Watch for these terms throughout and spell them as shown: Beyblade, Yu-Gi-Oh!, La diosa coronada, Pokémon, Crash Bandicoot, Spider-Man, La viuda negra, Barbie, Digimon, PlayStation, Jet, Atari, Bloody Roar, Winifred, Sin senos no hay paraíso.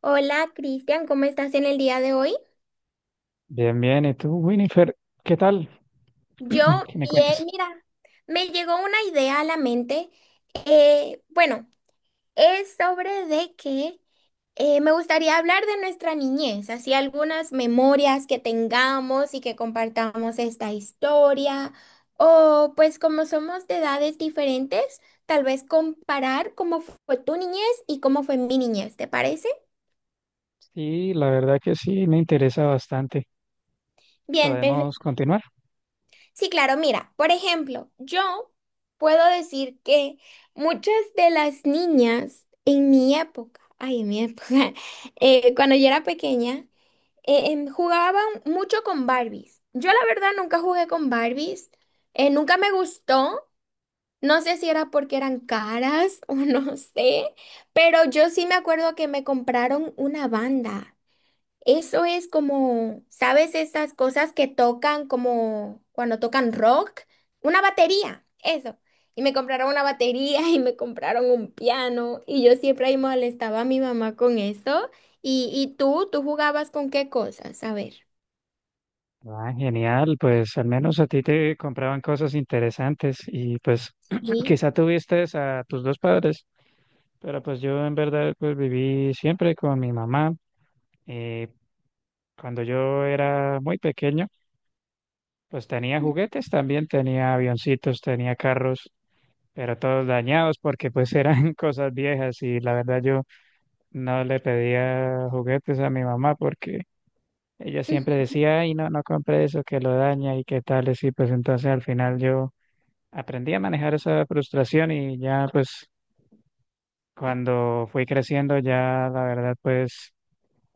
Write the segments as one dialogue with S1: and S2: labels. S1: Hola, Cristian, ¿cómo estás en el día de hoy?
S2: Bien, bien. ¿Y tú, Winifred? ¿Qué tal?
S1: Yo
S2: ¿Qué me
S1: bien,
S2: cuentas?
S1: mira, me llegó una idea a la mente. Bueno, es sobre de que me gustaría hablar de nuestra niñez, así algunas memorias que tengamos y que compartamos esta historia, o pues como somos de edades diferentes, tal vez comparar cómo fue tu niñez y cómo fue mi niñez, ¿te parece?
S2: Sí, la verdad que sí, me interesa bastante.
S1: Bien.
S2: ¿Podemos continuar?
S1: Sí, claro, mira, por ejemplo, yo puedo decir que muchas de las niñas en mi época, ay, en mi época, cuando yo era pequeña, jugaban mucho con Barbies. Yo la verdad nunca jugué con Barbies, nunca me gustó, no sé si era porque eran caras o no sé, pero yo sí me acuerdo que me compraron una banda. Eso es como, ¿sabes? Esas cosas que tocan como cuando tocan rock. Una batería, eso. Y me compraron una batería y me compraron un piano y yo siempre ahí molestaba a mi mamá con eso. ¿Y tú jugabas con qué cosas? A ver.
S2: Ah, genial. Pues al menos a ti te compraban cosas interesantes y pues
S1: Sí.
S2: quizá tuviste a tus dos padres, pero pues yo en verdad pues viví siempre con mi mamá. Y cuando yo era muy pequeño, pues tenía juguetes también, tenía avioncitos, tenía carros, pero todos dañados porque pues eran cosas viejas y la verdad yo... No le pedía juguetes a mi mamá porque ella
S1: Ujú,
S2: siempre decía, ay, no, no compre eso, que lo daña y qué tal. Y pues entonces al final yo aprendí a manejar esa frustración y ya pues cuando fui creciendo ya la verdad pues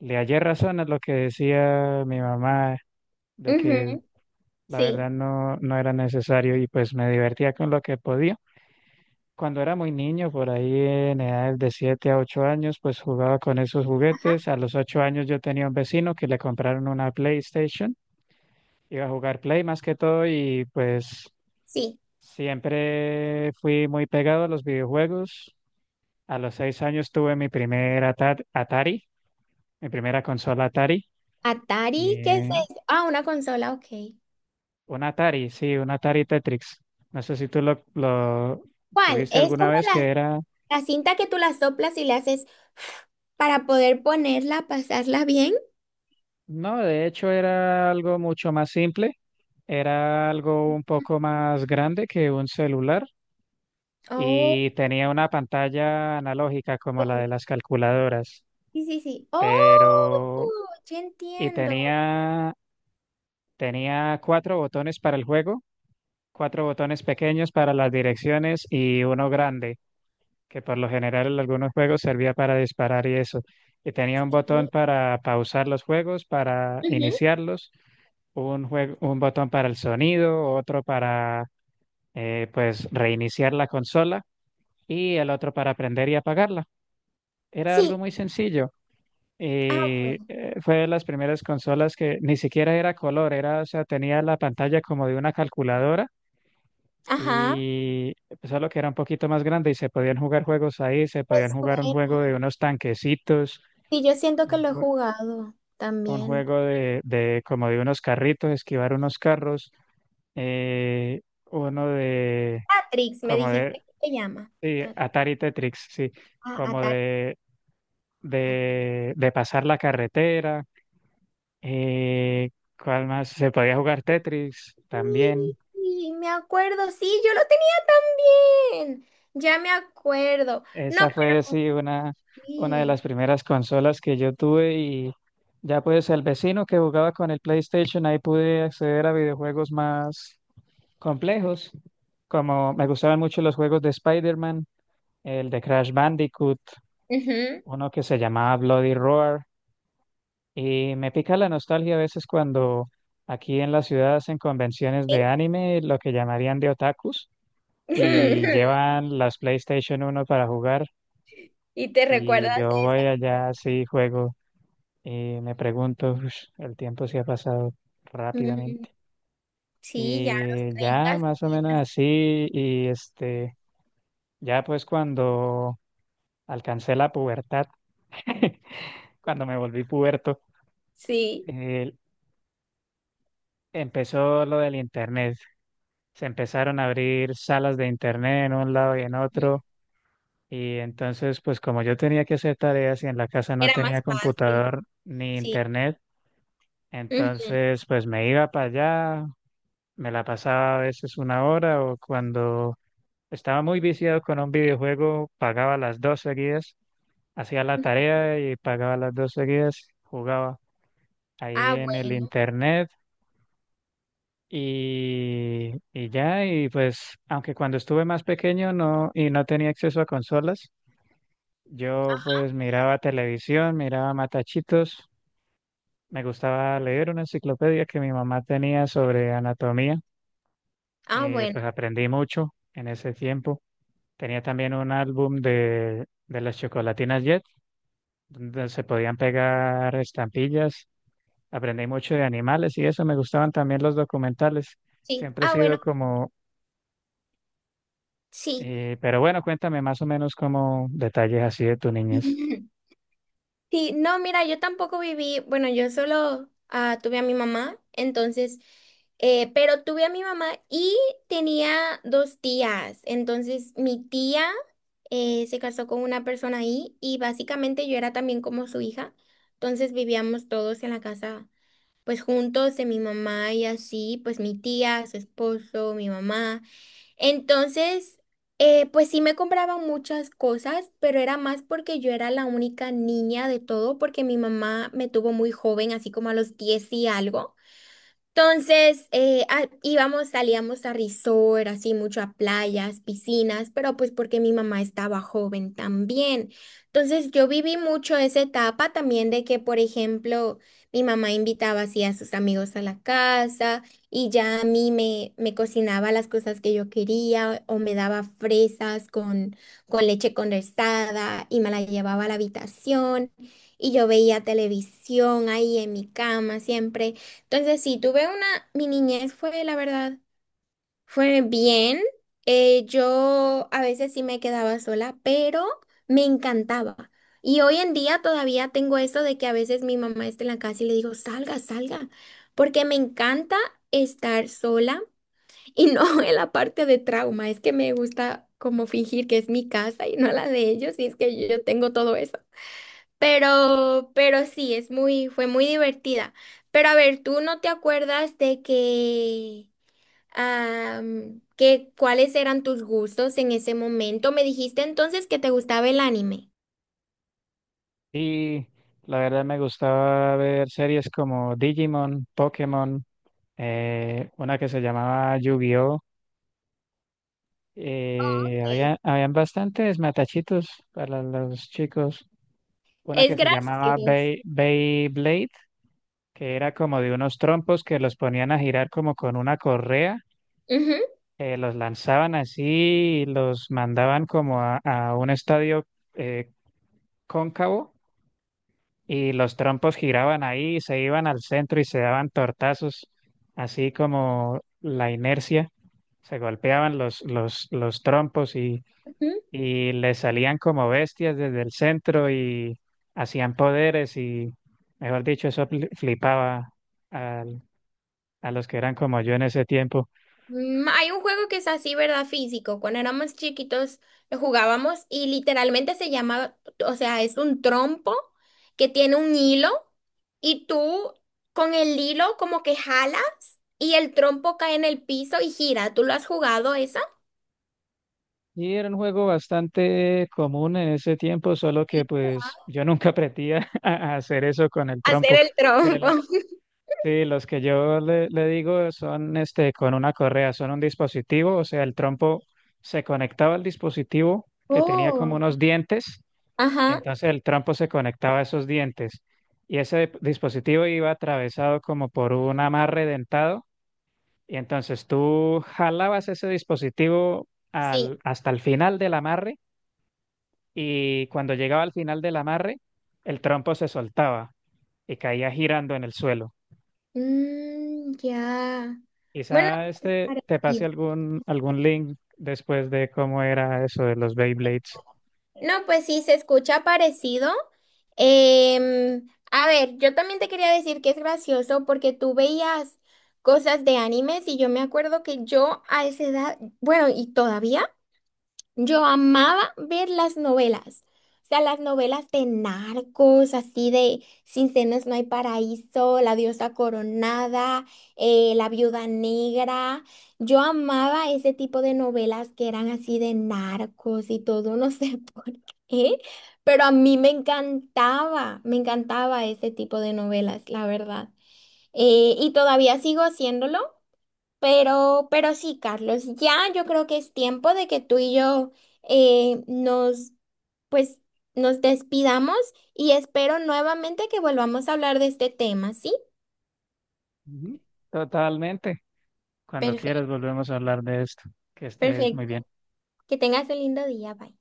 S2: le hallé razón a lo que decía mi mamá de que
S1: ujú.
S2: la
S1: Sí.
S2: verdad no, no era necesario y pues me divertía con lo que podía. Cuando era muy niño, por ahí en edades de 7 a 8 años, pues jugaba con esos
S1: Ajá.
S2: juguetes. A los 8 años yo tenía un vecino que le compraron una PlayStation. Iba a jugar Play más que todo y pues
S1: Sí.
S2: siempre fui muy pegado a los videojuegos. A los 6 años tuve mi primer Atari, mi primera consola Atari.
S1: ¿Atari, qué es
S2: Eh,
S1: eso? Ah, una consola, ok.
S2: un Atari, sí, un Atari Tetrix. No sé si tú lo
S1: ¿Cuál?
S2: tuviste
S1: Es
S2: alguna
S1: como
S2: vez, que
S1: la,
S2: era...
S1: la cinta que tú la soplas y le haces para poder ponerla, pasarla bien.
S2: No, de hecho era algo mucho más simple, era algo un poco más grande que un celular y
S1: Oh,
S2: tenía una pantalla analógica como la de las calculadoras,
S1: sí, sí, sí. Oh,
S2: pero
S1: ya
S2: y
S1: entiendo.
S2: tenía tenía cuatro botones para el juego, cuatro botones pequeños para las direcciones y uno grande que por lo general en algunos juegos servía para disparar y eso. Y tenía un
S1: Sí.
S2: botón para pausar los juegos, para
S1: Ujú.
S2: iniciarlos un juego, un botón para el sonido, otro para pues reiniciar la consola y el otro para prender y apagarla. Era algo
S1: Sí.
S2: muy sencillo.
S1: Ah,
S2: Y
S1: bueno.
S2: fue de las primeras consolas que ni siquiera era color, era, o sea, tenía la pantalla como de una calculadora
S1: Ajá.
S2: y pues, solo que era un poquito más grande y se podían jugar juegos ahí, se
S1: Pues,
S2: podían jugar un
S1: bueno,
S2: juego de unos tanquecitos,
S1: sí, yo siento que
S2: un,
S1: lo he
S2: jue-
S1: jugado
S2: un
S1: también.
S2: juego de como de unos carritos, esquivar unos carros, eh, uno de,
S1: Tatrix, me
S2: como de,
S1: dijiste que se llama.
S2: sí, Atari Tetris, sí,
S1: Ah,
S2: como
S1: Atari.
S2: de,
S1: Ah,
S2: de, de pasar la carretera, eh, ¿cuál más? Se podía jugar Tetris también.
S1: sí, me acuerdo. Sí, yo lo tenía también. Ya me acuerdo. No,
S2: Esa
S1: pero
S2: fue, sí, una, de
S1: sí.
S2: las primeras consolas que yo tuve. Y ya pues el vecino que jugaba con el PlayStation, ahí pude acceder a videojuegos más complejos, como me gustaban mucho los juegos de Spider-Man, el de Crash Bandicoot.
S1: Ujú.
S2: Uno que se llamaba Bloody Roar y me pica la nostalgia a veces cuando aquí en la ciudad hacen convenciones
S1: Sí.
S2: de anime, lo que llamarían de otakus, y llevan las PlayStation 1 para jugar
S1: Y te
S2: y
S1: recuerdas
S2: yo
S1: de
S2: voy
S1: esas.
S2: allá así juego y me pregunto: "Ush, el tiempo se ha pasado
S1: Mm,
S2: rápidamente".
S1: sí, ya a los
S2: Y
S1: 30
S2: ya más o
S1: sí.
S2: menos así. Y este, ya pues cuando alcancé la pubertad, cuando me volví puberto,
S1: Sí.
S2: eh, empezó lo del internet. Se empezaron a abrir salas de internet en un lado y en
S1: Ujú.
S2: otro. Y entonces, pues como yo tenía que hacer tareas y en la casa no
S1: Era
S2: tenía
S1: más fácil.
S2: computador ni
S1: Sí.
S2: internet,
S1: Ujú.
S2: entonces pues me iba para allá, me la pasaba a veces una hora o cuando estaba muy viciado con un videojuego, pagaba las dos seguidas, hacía la
S1: Ujú.
S2: tarea y pagaba las dos seguidas, jugaba ahí
S1: Ah,
S2: en el
S1: bueno.
S2: internet. Y ya, y pues, aunque cuando estuve más pequeño no, y no tenía acceso a consolas, yo pues miraba televisión, miraba matachitos, me gustaba leer una enciclopedia que mi mamá tenía sobre anatomía,
S1: Ah, bueno.
S2: pues aprendí mucho en ese tiempo. Tenía también un álbum de las chocolatinas Jet, donde se podían pegar estampillas, aprendí mucho de animales y eso, me gustaban también los documentales.
S1: Sí.
S2: Siempre he
S1: Ah, bueno.
S2: sido como...
S1: Sí.
S2: Pero bueno, cuéntame más o menos como detalles así de tu niñez.
S1: Sí, no, mira, yo tampoco viví, bueno, yo solo tuve a mi mamá. Entonces, pero tuve a mi mamá y tenía dos tías. Entonces mi tía se casó con una persona ahí y básicamente yo era también como su hija. Entonces vivíamos todos en la casa pues juntos de mi mamá y así, pues mi tía, su esposo, mi mamá. Entonces, pues sí me compraban muchas cosas, pero era más porque yo era la única niña de todo, porque mi mamá me tuvo muy joven, así como a los 10 y algo. Entonces, íbamos, salíamos a resort, así mucho a playas, piscinas, pero pues porque mi mamá estaba joven también. Entonces, yo viví mucho esa etapa también de que, por ejemplo, mi mamá invitaba así a sus amigos a la casa y ya a mí me cocinaba las cosas que yo quería o me daba fresas con leche condensada y me la llevaba a la habitación y yo veía televisión ahí en mi cama siempre. Entonces, sí, tuve mi niñez fue, la verdad, fue bien. Yo a veces sí me quedaba sola, pero me encantaba. Y hoy en día todavía tengo eso de que a veces mi mamá está en la casa y le digo, salga, salga, porque me encanta estar sola y no en la parte de trauma, es que me gusta como fingir que es mi casa y no la de ellos, y es que yo tengo todo eso. Pero sí, fue muy divertida. Pero a ver, ¿tú no te acuerdas de que cuáles eran tus gustos en ese momento? Me dijiste entonces que te gustaba el anime.
S2: Y la verdad me gustaba ver series como Digimon, Pokémon, una que se llamaba Yu-Gi-Oh!
S1: Ok.
S2: Habían bastantes matachitos para los chicos. Una
S1: Es
S2: que se llamaba
S1: gracioso.
S2: Beyblade, que era como de unos trompos que los ponían a girar como con una correa,
S1: Ujú.
S2: los lanzaban así y los mandaban como a un estadio, eh, cóncavo, y los trompos giraban ahí, se iban al centro y se daban tortazos, así como la inercia, se golpeaban los trompos y les salían como bestias desde el centro y hacían poderes y, mejor dicho, eso flipaba al- a los que eran como yo en ese tiempo.
S1: Hay un juego que es así, ¿verdad? Físico. Cuando éramos chiquitos lo jugábamos y literalmente se llama, o sea, es un trompo que tiene un hilo y tú con el hilo como que jalas y el trompo cae en el piso y gira. ¿Tú lo has jugado esa?
S2: Y era un juego bastante común en ese tiempo, solo que pues yo nunca aprendí a hacer eso con el
S1: Hacer
S2: trompo.
S1: el
S2: Pero
S1: trompo.
S2: sí, los que yo le digo son este con una correa, son un dispositivo, o sea, el trompo se conectaba al dispositivo que tenía como
S1: Oh.
S2: unos dientes, y
S1: Ajá,
S2: entonces el trompo se conectaba a esos dientes, y ese dispositivo iba atravesado como por un amarre dentado, y entonces tú jalabas ese dispositivo
S1: sí.
S2: al, hasta el final del amarre, y cuando llegaba al final del amarre, el trompo se soltaba y caía girando en el suelo.
S1: Mm, ya. Bueno,
S2: Quizá
S1: es
S2: este te pase
S1: parecido.
S2: algún link después de cómo era eso de los Beyblades.
S1: No, pues sí, se escucha parecido. Em, a ver, yo también te quería decir que es gracioso porque tú veías cosas de animes y yo me acuerdo que yo a esa edad, bueno, y todavía. Yo amaba ver las novelas, o sea, las novelas de narcos, así de Sin senos no hay paraíso, La diosa coronada, La viuda negra. Yo amaba ese tipo de novelas que eran así de narcos y todo, no sé por qué, pero a mí me encantaba ese tipo de novelas, la verdad. Y todavía sigo haciéndolo. Pero sí, Carlos, ya yo creo que es tiempo de que tú y yo eh, nos, pues, nos despidamos y espero nuevamente que volvamos a hablar de este tema, ¿sí?
S2: Ujú. Totalmente. Cuando
S1: Perfecto,
S2: quieras volvemos a hablar de esto. Que estés muy bien.
S1: perfecto. Que tengas un lindo día, bye.